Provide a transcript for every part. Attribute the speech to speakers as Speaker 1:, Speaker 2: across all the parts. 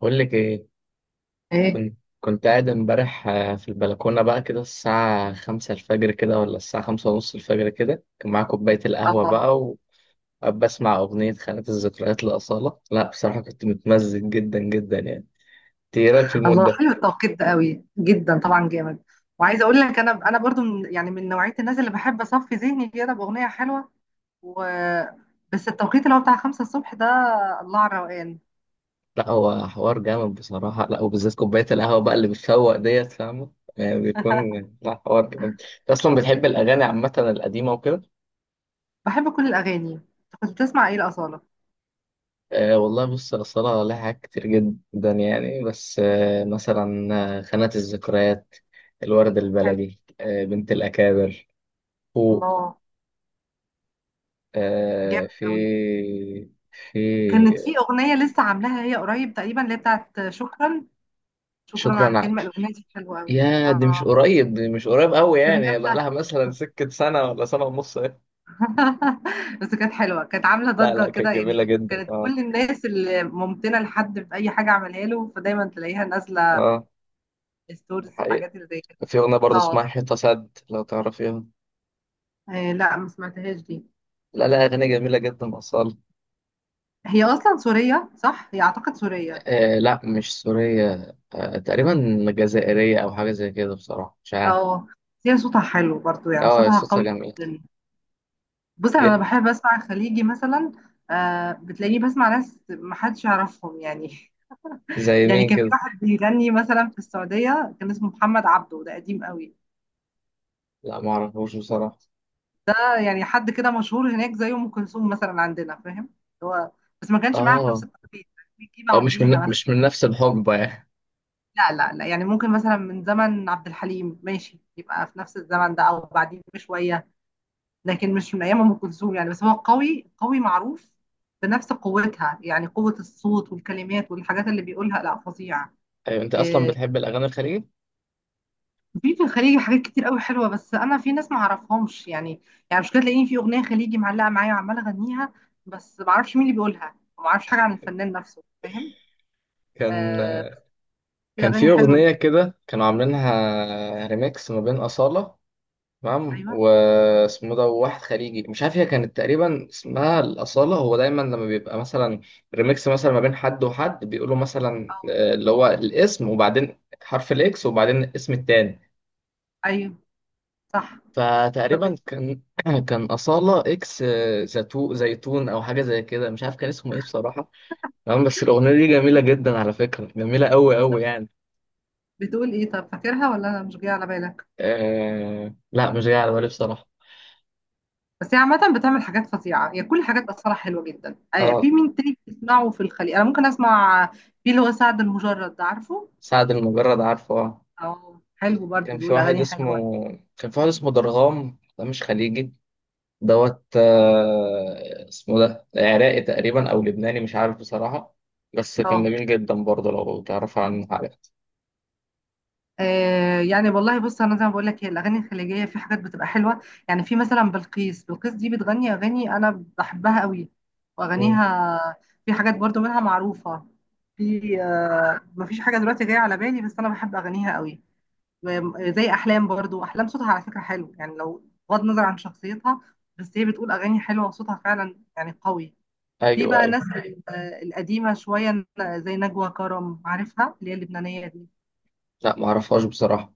Speaker 1: بقول لك ايه.
Speaker 2: ايه.
Speaker 1: كنت قاعد امبارح، في البلكونه بقى كده الساعه 5 الفجر كده، ولا الساعه 5:30 الفجر كده. كان معايا كوبايه القهوه
Speaker 2: اه،
Speaker 1: بقى، وبسمع اغنيه خانات الذكريات لاصاله. لا بصراحه كنت متمزج جدا جدا يعني. انت ايه رايك في المود
Speaker 2: الله
Speaker 1: ده؟
Speaker 2: حلو التوقيت ده قوي جدا، طبعا جامد. وعايزه اقول لك انا برضو من من نوعيه الناس اللي بحب اصفي ذهني كده باغنيه حلوه. و بس التوقيت اللي هو بتاع خمسة الصبح ده، الله على الروقان.
Speaker 1: لا هو حوار جامد بصراحه. لا وبالذات كوبايه القهوه بقى اللي بتفوق ديت، فاهمه يعني بيكون. لا، حوار جامد. انت اصلا بتحب الاغاني عامه القديمه وكده؟
Speaker 2: بحب كل الاغاني. أنت كنت بتسمع ايه الاصاله؟
Speaker 1: أه والله، بص الصلاة لها حاجات كتير جدا يعني. بس مثلا، خانة الذكريات، الورد
Speaker 2: حلو،
Speaker 1: البلدي، بنت الأكابر، فوق.
Speaker 2: الله،
Speaker 1: أه
Speaker 2: جامد
Speaker 1: في
Speaker 2: قوي. كانت
Speaker 1: في
Speaker 2: في اغنيه لسه عاملاها هي قريب تقريبا، اللي هي بتاعت شكرا. شكرا، عن
Speaker 1: شكرا على.
Speaker 2: كلمه الاغنيه دي حلوه قوي.
Speaker 1: يا دي مش
Speaker 2: اه،
Speaker 1: قريب، دي مش قريب قوي
Speaker 2: ده من
Speaker 1: يعني، بقى
Speaker 2: امتى؟
Speaker 1: لها مثلا سكة سنة ولا سنة ونص إيه.
Speaker 2: بس كانت حلوه، كانت عامله
Speaker 1: لا
Speaker 2: ضجه
Speaker 1: لا، كانت
Speaker 2: كده،
Speaker 1: جميلة
Speaker 2: يعني
Speaker 1: جدا.
Speaker 2: كانت
Speaker 1: اه.
Speaker 2: كل الناس اللي ممتنه لحد في اي حاجه عملها له فدايما تلاقيها نازله
Speaker 1: اه، دي
Speaker 2: ستوريز
Speaker 1: حقيقة.
Speaker 2: حاجات اللي زي كده.
Speaker 1: في أغنية برضه اسمها
Speaker 2: اه.
Speaker 1: حيطة سد لو تعرفيها.
Speaker 2: لا، ما سمعتهاش دي.
Speaker 1: لا لا، أغنية جميلة جدا أصالة.
Speaker 2: هي اصلا سوريه صح؟ هي اعتقد سوريه.
Speaker 1: آه لا، مش سورية. تقريبا جزائرية أو حاجة زي كده، بصراحة مش عارف.
Speaker 2: اه، بس هي صوتها حلو برضو، يعني
Speaker 1: اه،
Speaker 2: صوتها
Speaker 1: صوتها
Speaker 2: قوي
Speaker 1: جميل
Speaker 2: جدا. بص، انا
Speaker 1: جدا.
Speaker 2: بحب اسمع خليجي مثلا. آه، بتلاقيني بسمع ناس ما حدش يعرفهم يعني.
Speaker 1: زي
Speaker 2: يعني
Speaker 1: مين
Speaker 2: كان في
Speaker 1: كده؟
Speaker 2: واحد بيغني مثلا في السعوديه كان اسمه محمد عبده، ده قديم قوي.
Speaker 1: لا، معرفوش بصراحة.
Speaker 2: يعني حد كده مشهور هناك زي ام كلثوم مثلا عندنا، فاهم؟ هو بس ما كانش معاها في نفس
Speaker 1: اه
Speaker 2: التوقيت، بيجي
Speaker 1: اه، مش
Speaker 2: بعديها
Speaker 1: من
Speaker 2: مثلا.
Speaker 1: مش من نفس الحقبة يعني.
Speaker 2: لا لا لا، يعني ممكن مثلا من زمن عبد الحليم، ماشي، يبقى في نفس الزمن ده او بعدين بشويه. لكن مش من ايام ام كلثوم يعني. بس هو قوي قوي معروف، بنفس قوتها، يعني قوه الصوت والكلمات والحاجات اللي بيقولها، لا فظيعه.
Speaker 1: أيوة، أنت أصلا
Speaker 2: آه،
Speaker 1: بتحب الأغاني الخليجي؟
Speaker 2: في في الخليجي حاجات كتير قوي حلوه، بس انا في ناس ما اعرفهمش يعني. يعني مش كده، تلاقيني في اغنيه خليجي معلقه معايا وعماله اغنيها، بس ما اعرفش مين اللي بيقولها، وما اعرفش حاجه عن الفنان نفسه، فاهم؟
Speaker 1: كان
Speaker 2: آه بس دي
Speaker 1: كان
Speaker 2: اغاني
Speaker 1: في
Speaker 2: حلوه دي.
Speaker 1: أغنية كده كانوا عاملينها ريميكس ما بين أصالة. تمام،
Speaker 2: ايوه.
Speaker 1: واسمه ده واحد خليجي مش عارف. هي كانت تقريبا اسمها الأصالة. هو دايما لما بيبقى مثلا ريميكس مثلا ما بين حد وحد، بيقولوا مثلا
Speaker 2: اه،
Speaker 1: اللي هو الاسم، وبعدين حرف الإكس، وبعدين الاسم التاني.
Speaker 2: ايوه صح. طب،
Speaker 1: فتقريبا كان كان أصالة إكس زيتو زيتون أو حاجة زي كده، مش عارف كان اسمه إيه بصراحة. تمام، بس الأغنية دي جميلة جدا على فكرة، جميلة أوي
Speaker 2: طب
Speaker 1: أوي يعني.
Speaker 2: بتقول ايه؟ طب فاكرها ولا انا مش جايه على بالك؟
Speaker 1: لا مش جاية على بالي بصراحة.
Speaker 2: بس هي عامه بتعمل حاجات فظيعه، هي كل حاجات اصلا حلوه جدا. آه،
Speaker 1: أه.
Speaker 2: في مين تاني بتسمعه في الخليج؟ انا ممكن اسمع في اللي هو سعد المجرد، ده عارفه.
Speaker 1: سعد المجرد عارفه آه.
Speaker 2: اه، حلو برضو،
Speaker 1: كان في
Speaker 2: بيقول
Speaker 1: واحد
Speaker 2: اغاني
Speaker 1: اسمه
Speaker 2: حلوه.
Speaker 1: كان في واحد اسمه درغام، ده مش خليجي. دوت. اسمه ده عراقي تقريبا او لبناني، مش عارف بصراحة. بس كان
Speaker 2: اه،
Speaker 1: جميل جدا برضه لو تعرف عن حاجات.
Speaker 2: آه يعني والله بص، انا زي ما بقول لك هي الاغاني الخليجيه في حاجات بتبقى حلوه. يعني في مثلا بلقيس، بلقيس دي بتغني اغاني انا بحبها قوي،
Speaker 1: مم.
Speaker 2: واغانيها في حاجات برضو منها معروفه. في آه، مفيش حاجه دلوقتي جايه على بالي، بس انا بحب اغانيها قوي. و- آه، زي احلام برضو، احلام صوتها على فكره حلو يعني، لو بغض النظر عن شخصيتها، بس هي بتقول اغاني حلوه وصوتها فعلا يعني قوي. في
Speaker 1: ايوه
Speaker 2: بقى
Speaker 1: ايوه.
Speaker 2: ناس آه، القديمه شويه، زي نجوى كرم، عارفها اللي هي اللبنانيه دي؟
Speaker 1: لا، ما اعرفهاش بصراحة.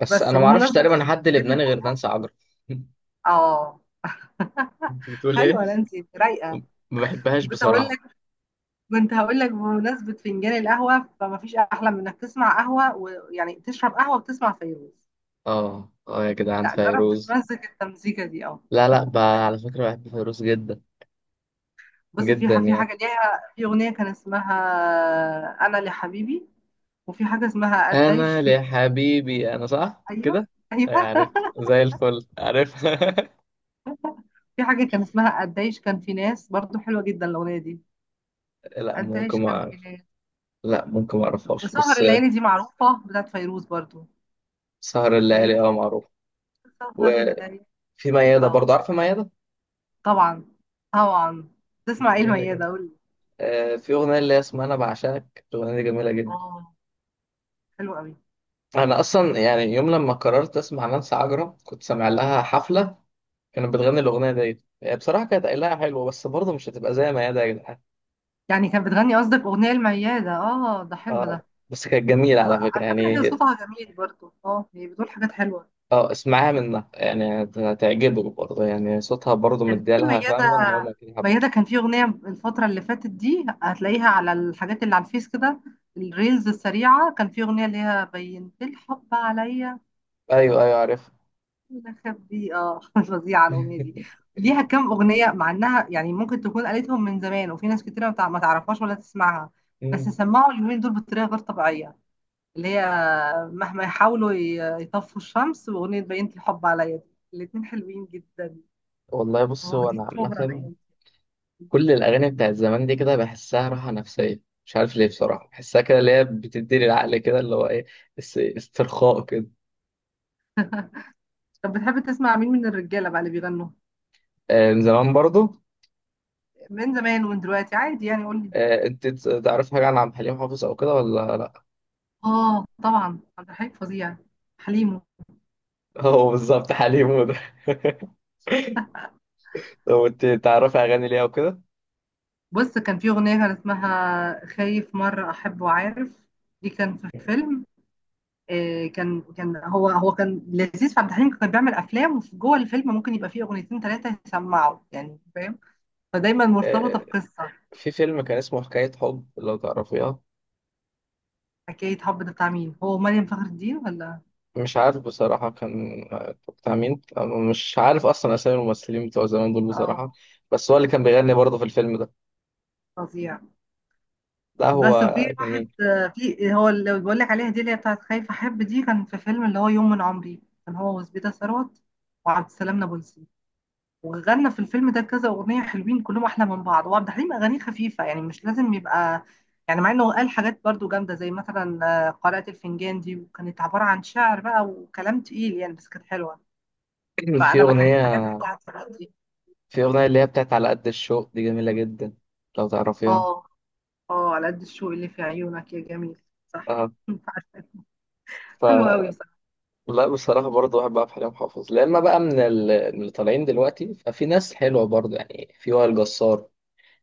Speaker 1: بس
Speaker 2: بس
Speaker 1: انا ما اعرفش
Speaker 2: وبمناسبه،
Speaker 1: تقريبا حد لبناني غير نانسي عجرم
Speaker 2: اه،
Speaker 1: انت بتقول ايه؟
Speaker 2: حلوه نانسي، رايقه.
Speaker 1: ما بحبهاش
Speaker 2: كنت هقول
Speaker 1: بصراحة.
Speaker 2: لك، كنت هقول لك بمناسبه فنجان القهوه فما فيش احلى من انك تسمع قهوه، ويعني تشرب قهوه وتسمع فيروز.
Speaker 1: اه اه يا جدعان،
Speaker 2: لا جرب
Speaker 1: فيروز.
Speaker 2: تتمزج التمزيكه دي. اه،
Speaker 1: لا لا، على فكرة بحب فيروز جدا،
Speaker 2: بص في
Speaker 1: جدا
Speaker 2: في
Speaker 1: يعني.
Speaker 2: حاجه ليها في اغنيه كان اسمها انا لحبيبي، وفي حاجه اسمها قديش،
Speaker 1: انا
Speaker 2: في
Speaker 1: لحبيبي انا، صح
Speaker 2: ايوه.
Speaker 1: كده.
Speaker 2: ايوه
Speaker 1: طيب، عارف. زي الفل عارف.
Speaker 2: في حاجه كان اسمها قديش كان في ناس، برضو حلوه جدا الاغنيه دي.
Speaker 1: لا، ممكن
Speaker 2: قديش
Speaker 1: ما
Speaker 2: كان في
Speaker 1: اعرف.
Speaker 2: ناس.
Speaker 1: لا، ممكن ما اعرفهاش
Speaker 2: وسهر
Speaker 1: بس.
Speaker 2: الليالي دي معروفه، بتاعت فيروز برضو.
Speaker 1: سهر
Speaker 2: هي
Speaker 1: الليالي، اه، معروف.
Speaker 2: سهر
Speaker 1: وفي
Speaker 2: الليالي.
Speaker 1: ميادة
Speaker 2: اه،
Speaker 1: برضه، عارفة ميادة؟
Speaker 2: طبعا طبعا. تسمع ايه
Speaker 1: جميلة جدا.
Speaker 2: الميادة؟ قول لي.
Speaker 1: آه، في أغنية اللي هي اسمها أنا بعشقك، الأغنية دي جميلة جدا.
Speaker 2: اه، حلو قوي.
Speaker 1: أنا أصلا يعني يوم لما قررت أسمع نانسي عجرم كنت سامع لها حفلة. كانت بتغني الأغنية ديت، هي بصراحة كانت قايلها حلوة، بس برضه مش هتبقى زي ميادة يا جدعان.
Speaker 2: يعني كانت بتغني قصدك اغنية الميادة؟ اه، ده حلو
Speaker 1: اه،
Speaker 2: ده.
Speaker 1: بس كانت جميلة على فكرة
Speaker 2: وعلى فكرة هي
Speaker 1: يعني.
Speaker 2: صوتها جميل برضو، اه، هي بتقول حاجات حلوة.
Speaker 1: اه، اسمعها منها يعني هتعجبك برضه يعني، صوتها برضه
Speaker 2: كان في
Speaker 1: مديالها،
Speaker 2: ميادة،
Speaker 1: فاهمة ان هو ممكن يحب.
Speaker 2: ميادة كان في اغنية الفترة اللي فاتت دي هتلاقيها على الحاجات اللي على الفيس كده، الريلز السريعة، كان في اغنية اللي هي بينت الحب عليا
Speaker 1: ايوه ايوه عارف.
Speaker 2: دي. اه فظيعه الاغنيه دي. ليها كام اغنيه، مع انها يعني ممكن تكون قالتهم من زمان وفي ناس كتير ما تعرفهاش ولا تسمعها، بس
Speaker 1: مم.
Speaker 2: سمعوا اليومين دول بطريقه غير طبيعيه. اللي هي مهما يحاولوا يطفوا الشمس، واغنيه بينت الحب عليا دي، الاتنين حلوين جدا،
Speaker 1: والله بص، هو انا
Speaker 2: واخدين شهره
Speaker 1: عامة
Speaker 2: الايام دي.
Speaker 1: كل الاغاني بتاعت زمان دي كده بحسها راحة نفسية. مش عارف ليه بصراحة، بحسها كده اللي هي بتديني العقل كده اللي هو ايه، استرخاء كده.
Speaker 2: طب بتحب تسمع مين من الرجاله بقى اللي بيغنوا؟
Speaker 1: آه، من زمان برضه.
Speaker 2: من زمان ومن دلوقتي عادي، يعني قول لي.
Speaker 1: آه، انت تعرف حاجة عن عبد الحليم حافظ او كده ولا لا؟
Speaker 2: اه طبعا، عبد الحليم فظيع. حليم.
Speaker 1: هو بالظبط حليم، هو ده. طب انت تعرفي اغاني ليه او كده؟
Speaker 2: بص كان في أغنية كان اسمها خايف مرة أحب، وعارف دي كان في فيلم. آه، كان كان هو هو كان لذيذ في عبد الحليم، كان بيعمل أفلام وفي جوه الفيلم ممكن يبقى فيه أغنيتين ثلاثة يسمعوا يعني، فاهم؟ فدايما مرتبطة بقصة.
Speaker 1: في فيلم كان اسمه حكاية حب لو تعرفيها.
Speaker 2: حكاية حب ده بتاع مين؟ هو مريم فخر الدين ولا؟
Speaker 1: مش عارف بصراحة، كان بتاع مين. مش عارف أصلا أسامي الممثلين بتوع زمان دول بصراحة.
Speaker 2: اه
Speaker 1: بس هو اللي كان بيغني برضه في الفيلم ده.
Speaker 2: فظيع.
Speaker 1: لا
Speaker 2: بس
Speaker 1: هو
Speaker 2: وفي واحد،
Speaker 1: جميل.
Speaker 2: آه، في هو اللي بقول لك عليها دي اللي هي بتاعت خايف أحب دي، كان في فيلم اللي هو يوم من عمري، كان هو وزبيدة ثروت وعبد السلام نابلسي، وغنى في الفيلم ده كذا اغنيه حلوين كلهم احلى من بعض. وعبد الحليم اغانيه خفيفه يعني، مش لازم يبقى يعني، مع انه قال حاجات برضو جامده زي مثلا آه، قارئة الفنجان دي، وكانت عباره عن شعر بقى وكلام تقيل يعني، بس كانت حلوه.
Speaker 1: في
Speaker 2: فانا بحب الحاجات
Speaker 1: أغنية
Speaker 2: بتاعت الوقت دي.
Speaker 1: في أغنية اللي هي بتاعت على قد الشوق دي جميلة جدا لو تعرفيها.
Speaker 2: اه، اه، على قد الشوق اللي في عيونك يا جميل، صح.
Speaker 1: أه.
Speaker 2: عارفة.
Speaker 1: ف
Speaker 2: حلو قوي بصراحه.
Speaker 1: لا بصراحة برضه بحب عبد الحليم حافظ. لا، إما بقى من اللي طالعين دلوقتي ففي ناس حلوة برضه يعني. في وائل جسار.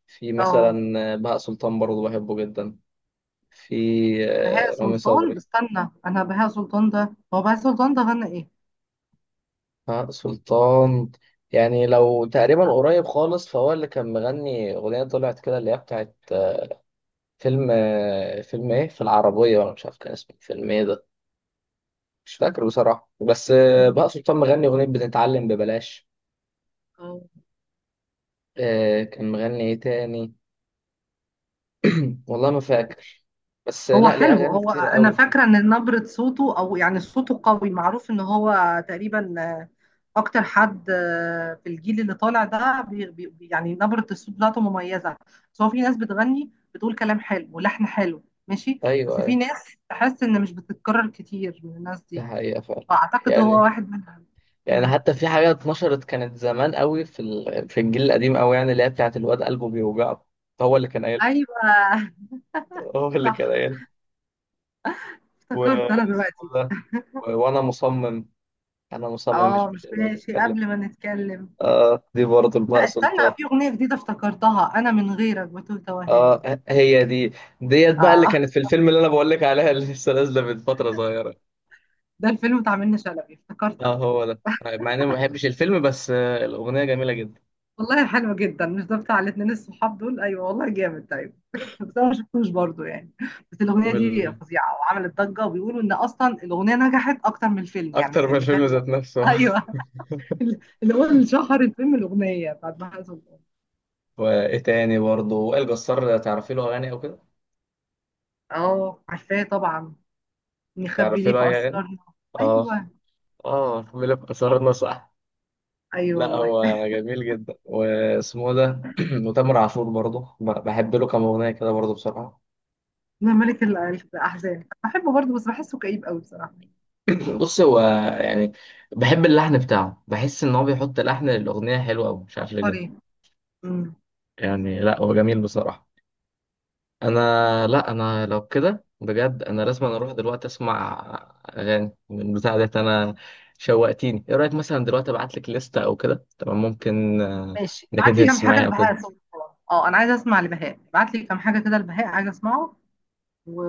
Speaker 1: في
Speaker 2: اه،
Speaker 1: مثلا بهاء سلطان برضه، بحبه جدا. في
Speaker 2: بهاء
Speaker 1: رامي صبري.
Speaker 2: سلطان، استنى انا، بهاء سلطان ده، هو بهاء سلطان ده غنى ايه؟
Speaker 1: آه، سلطان. يعني لو تقريبا قريب خالص فهو اللي كان مغني أغنية طلعت كده اللي هي بتاعت فيلم، فيلم إيه في العربية، ولا مش عارف كان اسمه فيلم إيه ده. مش فاكر بصراحة. بس بقى
Speaker 2: مم.
Speaker 1: سلطان مغني أغنية بتتعلم ببلاش.
Speaker 2: اه
Speaker 1: كان مغني إيه تاني؟ والله ما فاكر. بس
Speaker 2: هو
Speaker 1: لا، ليه
Speaker 2: حلو،
Speaker 1: أغاني
Speaker 2: هو
Speaker 1: كتير
Speaker 2: انا
Speaker 1: قوي.
Speaker 2: فاكره ان نبره صوته او يعني صوته قوي معروف ان هو تقريبا آه، اكتر حد آه، في الجيل اللي طالع ده، بي يعني نبره الصوت بتاعته مميزه. بس هو في ناس بتغني بتقول كلام حلو ولحن حلو ماشي،
Speaker 1: أيوه
Speaker 2: بس في
Speaker 1: أيوه،
Speaker 2: ناس تحس ان مش بتتكرر كتير من الناس
Speaker 1: دي
Speaker 2: دي،
Speaker 1: حقيقة فعلا.
Speaker 2: فاعتقد هو
Speaker 1: يعني
Speaker 2: واحد منهم.
Speaker 1: يعني
Speaker 2: مم.
Speaker 1: حتى في حاجة اتنشرت كانت زمان قوي في الجيل القديم قوي، يعني اللي هي بتاعت الواد قلبه بيوجعه. هو اللي كان قايل
Speaker 2: ايوه
Speaker 1: هو اللي كان
Speaker 2: صح.
Speaker 1: قايل و...
Speaker 2: افتكرت انا
Speaker 1: اسمه
Speaker 2: دلوقتي.
Speaker 1: ده، وانا مصمم. انا مصمم،
Speaker 2: اه
Speaker 1: مش
Speaker 2: مش
Speaker 1: قادر
Speaker 2: ماشي
Speaker 1: اتكلم.
Speaker 2: قبل ما نتكلم.
Speaker 1: اه دي برضه بقى
Speaker 2: لا استنى،
Speaker 1: سلطان.
Speaker 2: في اغنيه جديده افتكرتها انا، من غيرك بتوه توهان.
Speaker 1: اه، هي دي. ديت بقى اللي
Speaker 2: اه،
Speaker 1: كانت في الفيلم اللي انا بقول لك عليها، اللي لسه نازله من فتره صغيره.
Speaker 2: ده الفيلم بتاع منة شلبي، افتكرت
Speaker 1: اه
Speaker 2: انا
Speaker 1: هو
Speaker 2: خلاص.
Speaker 1: ده، مع اني ما بحبش الفيلم، بس الاغنيه جميله جدا.
Speaker 2: والله حلو جدا. مش ده بتاع الاتنين الصحاب دول؟ ايوه والله جامد، ايوه. بس انا ما شفتوش برضه يعني. بس الاغنيه دي
Speaker 1: وال...
Speaker 2: فظيعه وعملت ضجه، وبيقولوا ان اصلا الاغنيه نجحت اكتر من الفيلم يعني،
Speaker 1: اكتر من
Speaker 2: يعني
Speaker 1: الفيلم
Speaker 2: فاهم اللي
Speaker 1: ذات نفسه.
Speaker 2: ايوه. اللي هو اللي شهر الفيلم الاغنيه بتاعت بهاء سلطان.
Speaker 1: وايه تاني برضه؟ وائل جسار، تعرفي له اغاني او كده؟
Speaker 2: اه، عارفاه طبعا، نخبي
Speaker 1: تعرفي
Speaker 2: ليه
Speaker 1: له
Speaker 2: في
Speaker 1: اي اغاني؟
Speaker 2: اسرارنا.
Speaker 1: اه،
Speaker 2: ايوه
Speaker 1: اه ملف قصرنا، صح.
Speaker 2: ايوه
Speaker 1: لا
Speaker 2: والله.
Speaker 1: هو جميل جدا، واسمه إيه ده وتامر عاشور برضه بحب له كام اغنيه كده برضه بصراحه.
Speaker 2: لا الأحزان بحبه برضه، بس بحسه كئيب قوي بصراحة.
Speaker 1: بص هو، يعني بحب اللحن بتاعه، بحس ان هو بيحط لحن للاغنيه حلو قوي، مش عارف ليه كده.
Speaker 2: عبقري. امم.
Speaker 1: يعني لا، هو جميل بصراحه. انا، لا انا لو كده بجد، انا لازم. أنا اروح دلوقتي اسمع اغاني من بتاع ديت انا، شوقتيني. ايه رايك مثلا دلوقتي ابعت لك لستة او كده، تمام؟ ممكن
Speaker 2: ماشي،
Speaker 1: انك
Speaker 2: ابعت
Speaker 1: انت
Speaker 2: لي كام حاجة
Speaker 1: تسمعيها او كده.
Speaker 2: لبهاء سلطان. اه أنا عايزة أسمع لبهاء، ابعت لي كام حاجة كده لبهاء، عايزة أسمعه. و...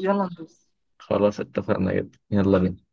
Speaker 2: ويلا ندوس.
Speaker 1: خلاص اتفقنا، جدا، يلا بينا.